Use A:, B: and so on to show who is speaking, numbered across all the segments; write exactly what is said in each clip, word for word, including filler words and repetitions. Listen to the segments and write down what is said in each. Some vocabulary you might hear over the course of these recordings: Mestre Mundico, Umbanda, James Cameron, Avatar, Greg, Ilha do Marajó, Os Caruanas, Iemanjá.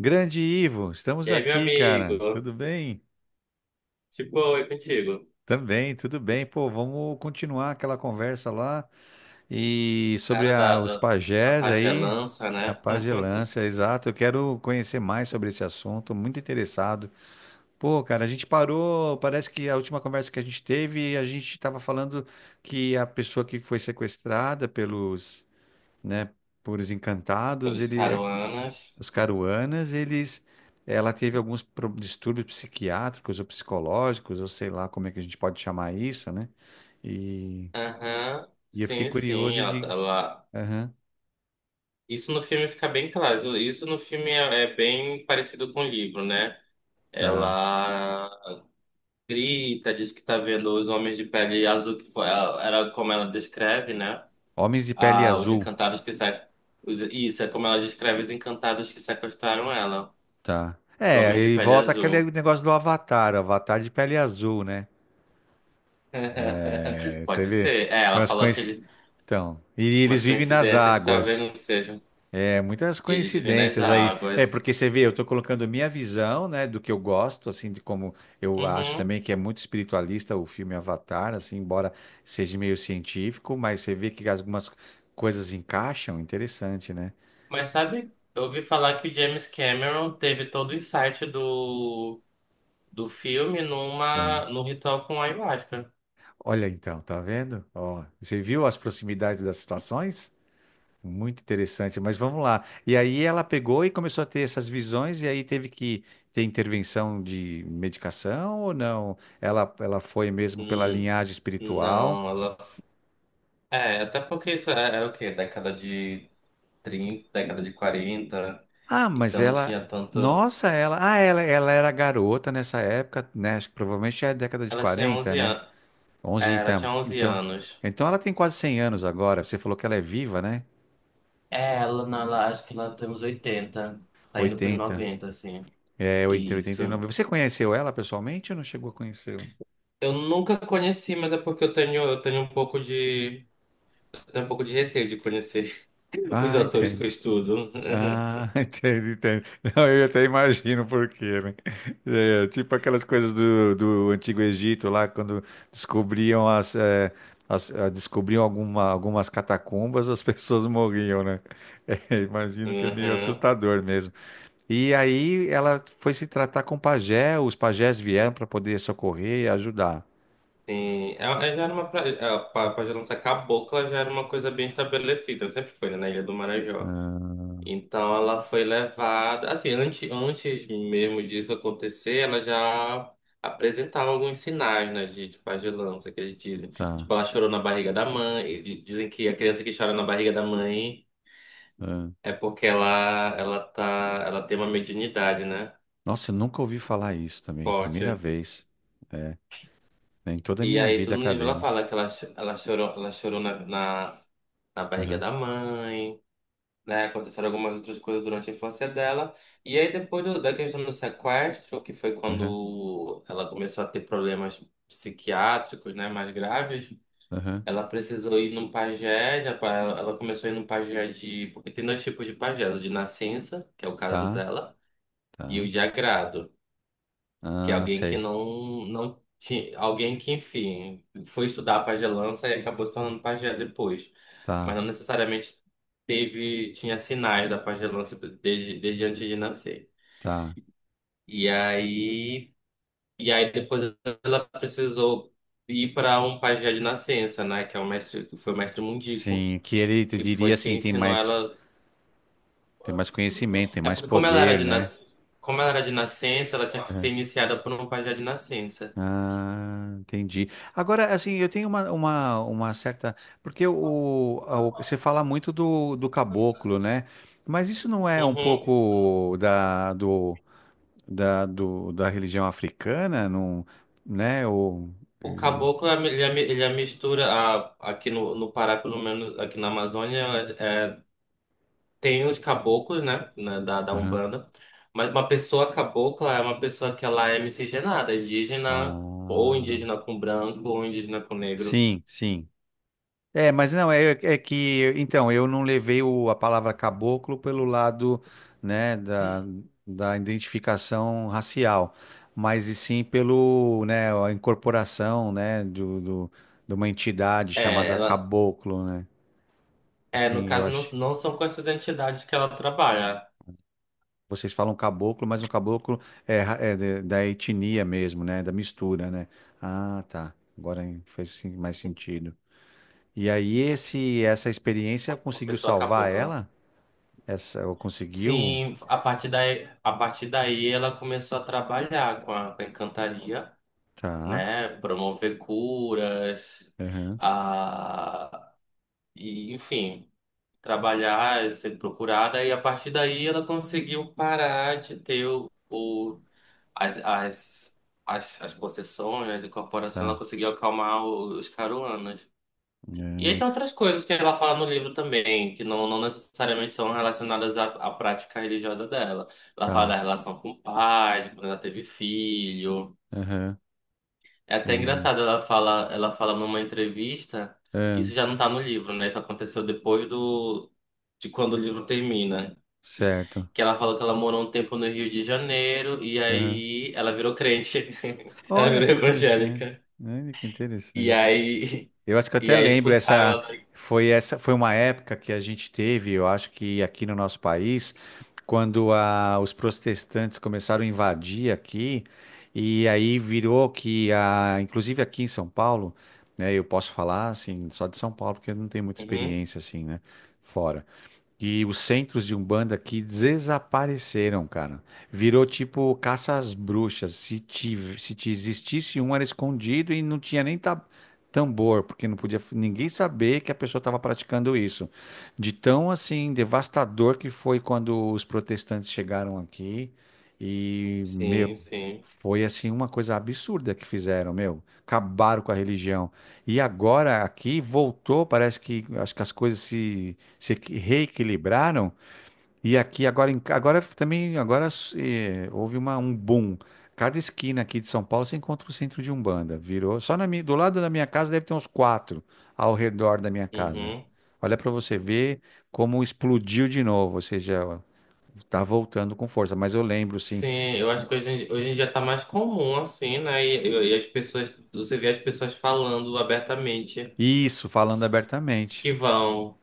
A: Grande Ivo, estamos
B: E aí, meu
A: aqui, cara.
B: amigo?
A: Tudo bem?
B: Tipo, oi contigo.
A: Também, tudo bem. Pô, vamos continuar aquela conversa lá e sobre
B: Cara
A: a-
B: da,
A: os
B: da, da
A: pajés aí,
B: pagelança,
A: a
B: né?
A: pagelância, exato. Eu quero conhecer mais sobre esse assunto, muito interessado. Pô, cara, a gente parou, parece que a última conversa que a gente teve, a gente estava falando que a pessoa que foi sequestrada pelos, né, por os encantados,
B: Pelos
A: ele é.
B: caruanas.
A: Os Caruanas, eles, ela teve alguns pro- distúrbios psiquiátricos ou psicológicos, ou sei lá como é que a gente pode chamar isso, né? E,
B: Aham.
A: e eu fiquei
B: Sim, sim.
A: curioso
B: Ela,
A: de,
B: ela-
A: aham,
B: Isso no filme fica bem claro. Isso no filme é, é bem parecido com o livro, né?
A: tá.
B: Ela grita, diz que tá vendo os homens de pele azul, que foi, ela- era como ela descreve, né?
A: Homens de pele
B: Ah, os
A: azul,
B: encantados que sa... os- Isso, é como ela descreve os encantados que sequestraram ela.
A: tá.
B: Os
A: É,
B: homens de
A: e
B: pele
A: volta aquele
B: azul.
A: negócio do Avatar, Avatar de pele azul, né? É, você
B: Pode
A: vê,
B: ser. É,
A: é
B: ela
A: umas
B: falou que
A: coisas.
B: eles,
A: Então, e eles
B: umas
A: vivem nas
B: coincidências que talvez
A: águas.
B: não sejam.
A: É muitas
B: E eles vivem nas
A: coincidências aí. É,
B: águas.
A: porque você vê, eu estou colocando minha visão, né, do que eu gosto, assim, de como eu acho
B: Uhum.
A: também que é muito espiritualista o filme Avatar, assim, embora seja meio científico, mas você vê que algumas coisas encaixam, interessante, né?
B: Mas sabe, eu ouvi falar que o James Cameron teve todo o insight do, do filme
A: Uhum.
B: numa, num ritual com ayahuasca.
A: Olha então, tá vendo? Ó, você viu as proximidades das situações? Muito interessante, mas vamos lá. E aí ela pegou e começou a ter essas visões, e aí teve que ter intervenção de medicação ou não? Ela, ela foi mesmo pela
B: Hum,
A: linhagem espiritual.
B: não, ela. É, até porque isso é- era o quê? Década de trinta, década de quarenta.
A: Ah, mas
B: Então não
A: ela.
B: tinha tanto.
A: Nossa, ela. Ah, ela, ela era garota nessa época, né? Acho que provavelmente é a década de
B: Ela tinha
A: quarenta,
B: onze
A: né?
B: anos.
A: Onze
B: É, ela
A: então.
B: tinha onze
A: Então,
B: anos.
A: então ela tem quase cem anos agora. Você falou que ela é viva, né?
B: É, ela, não, ela, acho que ela tem uns oitenta, tá indo pros
A: Oitenta.
B: noventa assim.
A: É, entre oitenta e
B: Isso.
A: nove. Você conheceu ela pessoalmente ou não chegou a conhecê-la?
B: Eu nunca conheci, mas é porque eu tenho, eu tenho um pouco de, eu tenho um pouco de receio de conhecer os
A: Ah,
B: autores que
A: entendi.
B: eu estudo.
A: Ah, entendi, entendi. Não, eu até imagino por quê, né? É, tipo aquelas coisas do, do Antigo Egito lá, quando descobriam as, é, as- ah, descobriam alguma, algumas catacumbas, as pessoas morriam, né? É, imagino que é meio
B: Uhum,
A: assustador mesmo. E aí ela foi se tratar com o pajé, os pajés vieram para poder socorrer e ajudar.
B: sim. Ela, ela já era uma, pra, ela, pra, já não ser cabocla, já era uma coisa bem estabelecida, sempre foi, né, na Ilha do Marajó. Então ela foi levada, assim, antes, antes mesmo disso acontecer, ela já apresentava alguns sinais, né, de, de pagelância, que eles dizem.
A: Tá.
B: Tipo, ela chorou na barriga da mãe, e di- dizem que a criança que chora na barriga da mãe
A: Ah.
B: é porque ela, ela tá, ela tem uma mediunidade, né,
A: Nossa, eu nunca ouvi falar isso também, primeira
B: forte.
A: vez, é, em toda a
B: E
A: minha
B: aí
A: vida
B: tudo no livro ela
A: acadêmica.
B: fala que ela, cho- ela chorou, ela chorou na, na, na barriga
A: Aham,
B: da mãe, né? Aconteceram algumas outras coisas durante a infância dela. E aí, depois do- da questão do sequestro, que foi
A: aham.
B: quando ela começou a ter problemas psiquiátricos, né, mais graves,
A: Aham.
B: ela precisou ir num pajé, já pa- ela começou a ir num pajé de... Porque tem dois tipos de pajé, o de nascença, que é o caso
A: Tá,
B: dela, e o
A: tá.
B: de agrado. Que é
A: Ah,
B: alguém que
A: sei.
B: não, não tinha. Alguém que, enfim, foi estudar pagelança e acabou se tornando pajé depois. Mas
A: Tá,
B: não necessariamente teve, tinha sinais da pagelança desde, desde antes de nascer.
A: tá.
B: E aí, e aí depois ela precisou ir para um pajé de nascença, né? Que é o mestre, que foi o mestre Mundico,
A: Sim, que ele te
B: que
A: diria
B: foi
A: assim,
B: quem
A: tem
B: ensinou
A: mais,
B: ela.
A: tem mais conhecimento, tem
B: É
A: mais
B: porque como ela era
A: poder,
B: de
A: né?
B: nas... como ela era de nascença, ela tinha que ser
A: Aham.
B: iniciada por um pajé de nascença.
A: Ah, entendi. Agora, assim, eu tenho uma, uma, uma, certa. Porque o, a- o- você fala muito do, do caboclo, né? Mas isso não é um
B: Uhum.
A: pouco da, do, da, do, da religião africana, não, né? O,
B: O
A: o-
B: caboclo, é a mi- ele é a mi- ele é a mistura, a- aqui no, no Pará, pelo menos aqui na Amazônia, é- é, tem os caboclos, né, na- da, da
A: Aham.
B: Umbanda, mas uma pessoa cabocla é uma pessoa que ela é miscigenada, é indígena, ou
A: Ah,
B: indígena com branco, ou indígena com negro.
A: sim, sim. É, mas não, é, é que, então, eu não levei o- a palavra caboclo pelo lado, né, da, da identificação racial, mas e sim pelo, né, a incorporação, né, do, do- de uma entidade
B: É,
A: chamada
B: ela,
A: caboclo, né?
B: é, no
A: Assim, eu
B: caso, não,
A: acho,
B: não são com essas entidades que ela trabalha,
A: vocês falam caboclo, mas o caboclo é, ra- é de- da etnia mesmo, né, da mistura, né? Ah, tá, agora faz sim- mais sentido. E aí
B: sim,
A: esse, essa experiência
B: uma
A: conseguiu
B: pessoa
A: salvar
B: cabocla.
A: ela? Essa, eu conseguiu?
B: Sim, a partir daí, a partir daí ela começou a trabalhar com a, com a encantaria,
A: Tá.
B: né? Promover curas,
A: Aham,
B: a, e, enfim, trabalhar, eh, ser procurada, e a partir daí ela conseguiu parar de ter o, o- as, as, as, as possessões, as incorporações, ela
A: tá.
B: conseguiu acalmar o- os caruanas. E aí
A: Aham,
B: tem outras coisas que ela fala no livro também, que não, não necessariamente são relacionadas à, à prática religiosa dela. Ela fala
A: tá.
B: da relação com o pai, de quando ela teve filho.
A: Aham.
B: É até
A: E,
B: engraçado, ela fala, ela fala numa entrevista, isso
A: aham,
B: já não tá no livro, né? Isso aconteceu depois do de quando o livro termina,
A: certo.
B: que ela falou que ela morou um tempo no Rio de Janeiro e
A: Aham.
B: aí ela virou crente. Ela
A: Olha
B: virou
A: que interessante.
B: evangélica.
A: Olha que
B: E
A: interessante.
B: aí
A: Eu acho que eu
B: e
A: até
B: aí
A: lembro,
B: expulsaram
A: essa
B: ela daqui.
A: foi essa foi uma época que a gente teve, eu acho que aqui no nosso país, quando a- os protestantes começaram a invadir aqui, e aí virou que a, inclusive aqui em São Paulo, né, eu posso falar assim, só de São Paulo, porque eu não tenho muita
B: Uhum.
A: experiência assim, né, fora. E os centros de Umbanda que desapareceram, cara. Virou tipo caça às bruxas. Se, tive, se te existisse um, era escondido e não tinha nem ta- tambor, porque não podia f- ninguém saber que a pessoa estava praticando isso. De tão assim devastador que foi quando os protestantes chegaram aqui e, meu,
B: Sim, sim.
A: foi assim uma coisa absurda que fizeram, meu. Acabaram com a religião. E agora aqui voltou, parece que acho que as coisas se, se equi- reequilibraram. E aqui agora, em agora também agora eh, houve uma, um boom. Cada esquina aqui de São Paulo você encontra o centro de Umbanda. Virou. Só na minha, do lado da minha casa deve ter uns quatro ao redor da minha casa.
B: Uhum.
A: Olha para você ver como explodiu de novo. Ou seja, está voltando com força. Mas eu lembro, sim.
B: Sim, eu acho que hoje, em- hoje em dia tá mais comum assim, né? E, e e as pessoas, você vê as pessoas falando abertamente
A: Isso, falando abertamente.
B: que vão.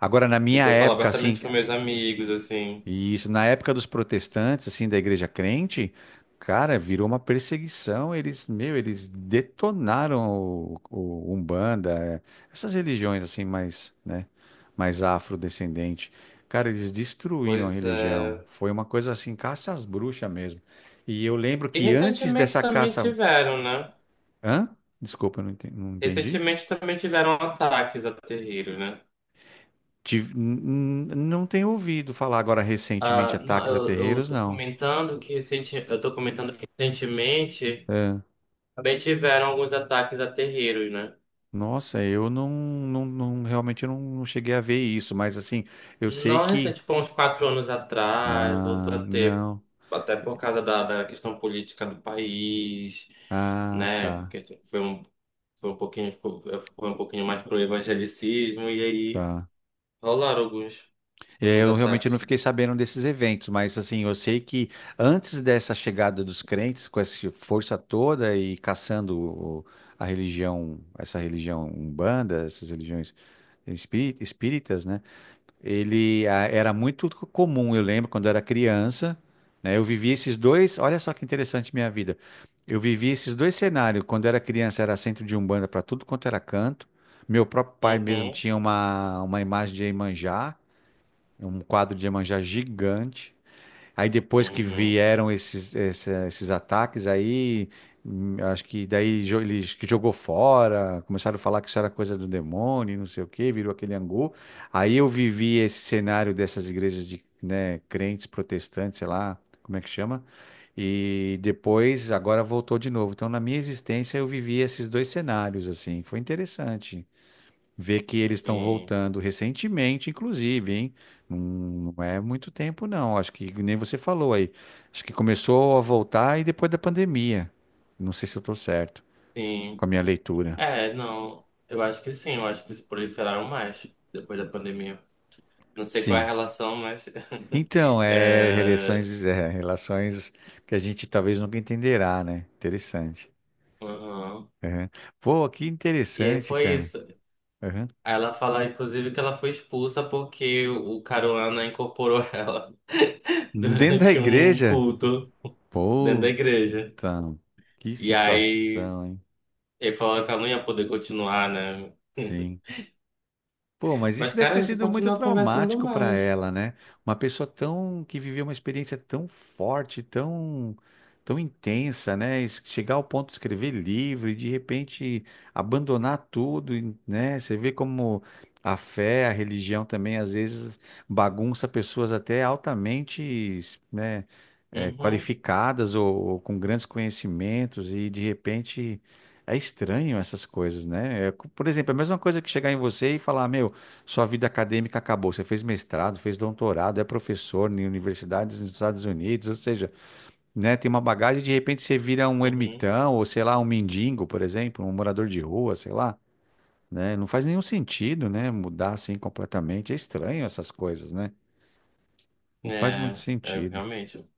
A: Agora, na minha
B: Tipo, eu falo
A: época, assim,
B: abertamente com meus amigos, assim.
A: e isso, na época dos protestantes, assim, da igreja crente, cara, virou uma perseguição. Eles, meu, eles detonaram o, o Umbanda, é, essas religiões, assim, mais, né, mais afrodescendente. Cara, eles destruíram a
B: Pois
A: religião.
B: é.
A: Foi uma coisa assim, caça às bruxas mesmo. E eu lembro
B: E
A: que antes
B: recentemente
A: dessa
B: também
A: caça.
B: tiveram, né?
A: Hã? Desculpa, eu não enten- não entendi.
B: Recentemente também tiveram ataques a terreiros, né?
A: Tive- n- n- não tenho ouvido falar agora recentemente
B: Ah, não,
A: ataques a
B: eu, eu
A: terreiros,
B: tô
A: não.
B: comentando que recente, eu tô comentando que recentemente também tiveram alguns ataques a terreiros, né?
A: Nossa, eu não, não, não- realmente eu não, não cheguei a ver isso, mas assim, eu sei
B: Não recente,
A: que.
B: tipo, há uns quatro anos atrás, voltou a
A: Ah,
B: ter,
A: não.
B: até por causa da, da questão política do país,
A: Ah,
B: né?
A: tá,
B: Que Foi um, foi um pouquinho, foi um pouquinho mais pro evangelicismo, e aí
A: tá.
B: rolaram alguns,
A: É,
B: alguns
A: eu realmente não
B: ataques.
A: fiquei sabendo desses eventos, mas assim, eu sei que antes dessa chegada dos crentes com essa força toda e caçando o- a religião, essa religião Umbanda, essas religiões espí- espíritas, né, ele ah, era muito comum, eu lembro, quando eu era criança, né? Eu vivi esses dois, olha só que interessante minha vida. Eu vivi esses dois cenários. Quando eu era criança, era centro de Umbanda para tudo quanto era canto. Meu próprio pai mesmo
B: Uhum,
A: tinha uma uma imagem de Iemanjá, um quadro de Iemanjá gigante. Aí depois que
B: uhum,
A: vieram esses, essa- esses ataques, aí hum, acho que daí jo- ele acho que jogou fora, começaram a falar que isso era coisa do demônio, e não sei o quê, virou aquele angu. Aí eu vivi esse cenário dessas igrejas de, né, crentes protestantes, sei lá, como é que chama? E depois agora voltou de novo. Então na minha existência eu vivi esses dois cenários assim, foi interessante. Ver que eles estão
B: sim,
A: voltando recentemente, inclusive, hein? Não não é muito tempo, não. Acho que nem você falou aí. Acho que começou a voltar e depois da pandemia. Não sei se eu estou certo com
B: sim.
A: a minha leitura.
B: É, não, eu acho que sim, eu acho que se proliferaram mais depois da pandemia. Não sei qual é a
A: Sim.
B: relação, mas.
A: Então, é
B: é,
A: relações, é, relações que a gente talvez nunca entenderá, né? Interessante.
B: uhum.
A: Aham. Pô, que
B: E aí
A: interessante,
B: foi
A: cara.
B: isso.
A: Aham.
B: Ela fala, inclusive, que ela foi expulsa porque o Caruana incorporou ela
A: Dentro da
B: durante um
A: igreja?
B: culto dentro da
A: Puta,
B: igreja.
A: que
B: E aí
A: situação, hein?
B: ele falou que ela não ia poder continuar, né?
A: Sim. Pô, mas isso
B: Mas,
A: deve
B: cara,
A: ter
B: a gente
A: sido muito
B: continua conversando
A: traumático para
B: mais.
A: ela, né? Uma pessoa tão que viveu uma experiência tão forte, tão tão intensa, né? Es- Chegar ao ponto de escrever livro e de repente abandonar tudo, e, né? Você vê como a fé, a religião também às vezes bagunça pessoas até altamente, né, eh,
B: Uhum,
A: qualificadas ou, ou com grandes conhecimentos e de repente é estranho essas coisas, né? É, por exemplo, é a mesma coisa que chegar em você e falar, meu, sua vida acadêmica acabou. Você fez mestrado, fez doutorado, é professor em universidades nos Estados Unidos, ou seja, né, tem uma bagagem e de repente você vira um
B: uhum.
A: ermitão, ou sei lá, um mendigo, por exemplo, um morador de rua, sei lá, né? Não faz nenhum sentido, né, mudar assim completamente. É estranho essas coisas, né? Não faz muito
B: É, é,
A: sentido.
B: realmente.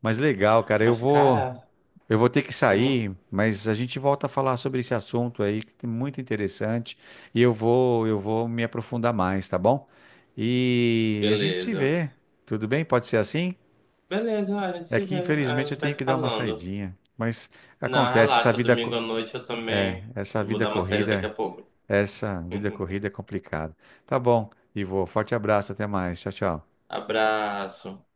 A: Mas legal, cara, eu
B: Mas,
A: vou.
B: cara,
A: Eu vou ter que
B: uhum.
A: sair, mas a gente volta a falar sobre esse assunto aí, que é muito interessante, e eu vou, eu vou me aprofundar mais, tá bom? E a gente se
B: Beleza.
A: vê. Tudo bem? Pode ser assim?
B: Beleza, a gente
A: É
B: se
A: que
B: vê, a
A: infelizmente eu
B: gente vai
A: tenho
B: se
A: que dar uma
B: falando.
A: saidinha, mas
B: Não,
A: acontece, essa
B: relaxa,
A: vida, co-
B: domingo à noite eu também
A: essa
B: vou
A: vida
B: dar uma saída daqui
A: corrida,
B: a pouco.
A: essa vida corrida é complicada. Tá bom, Ivo, forte abraço, até mais. Tchau, tchau.
B: Abraço.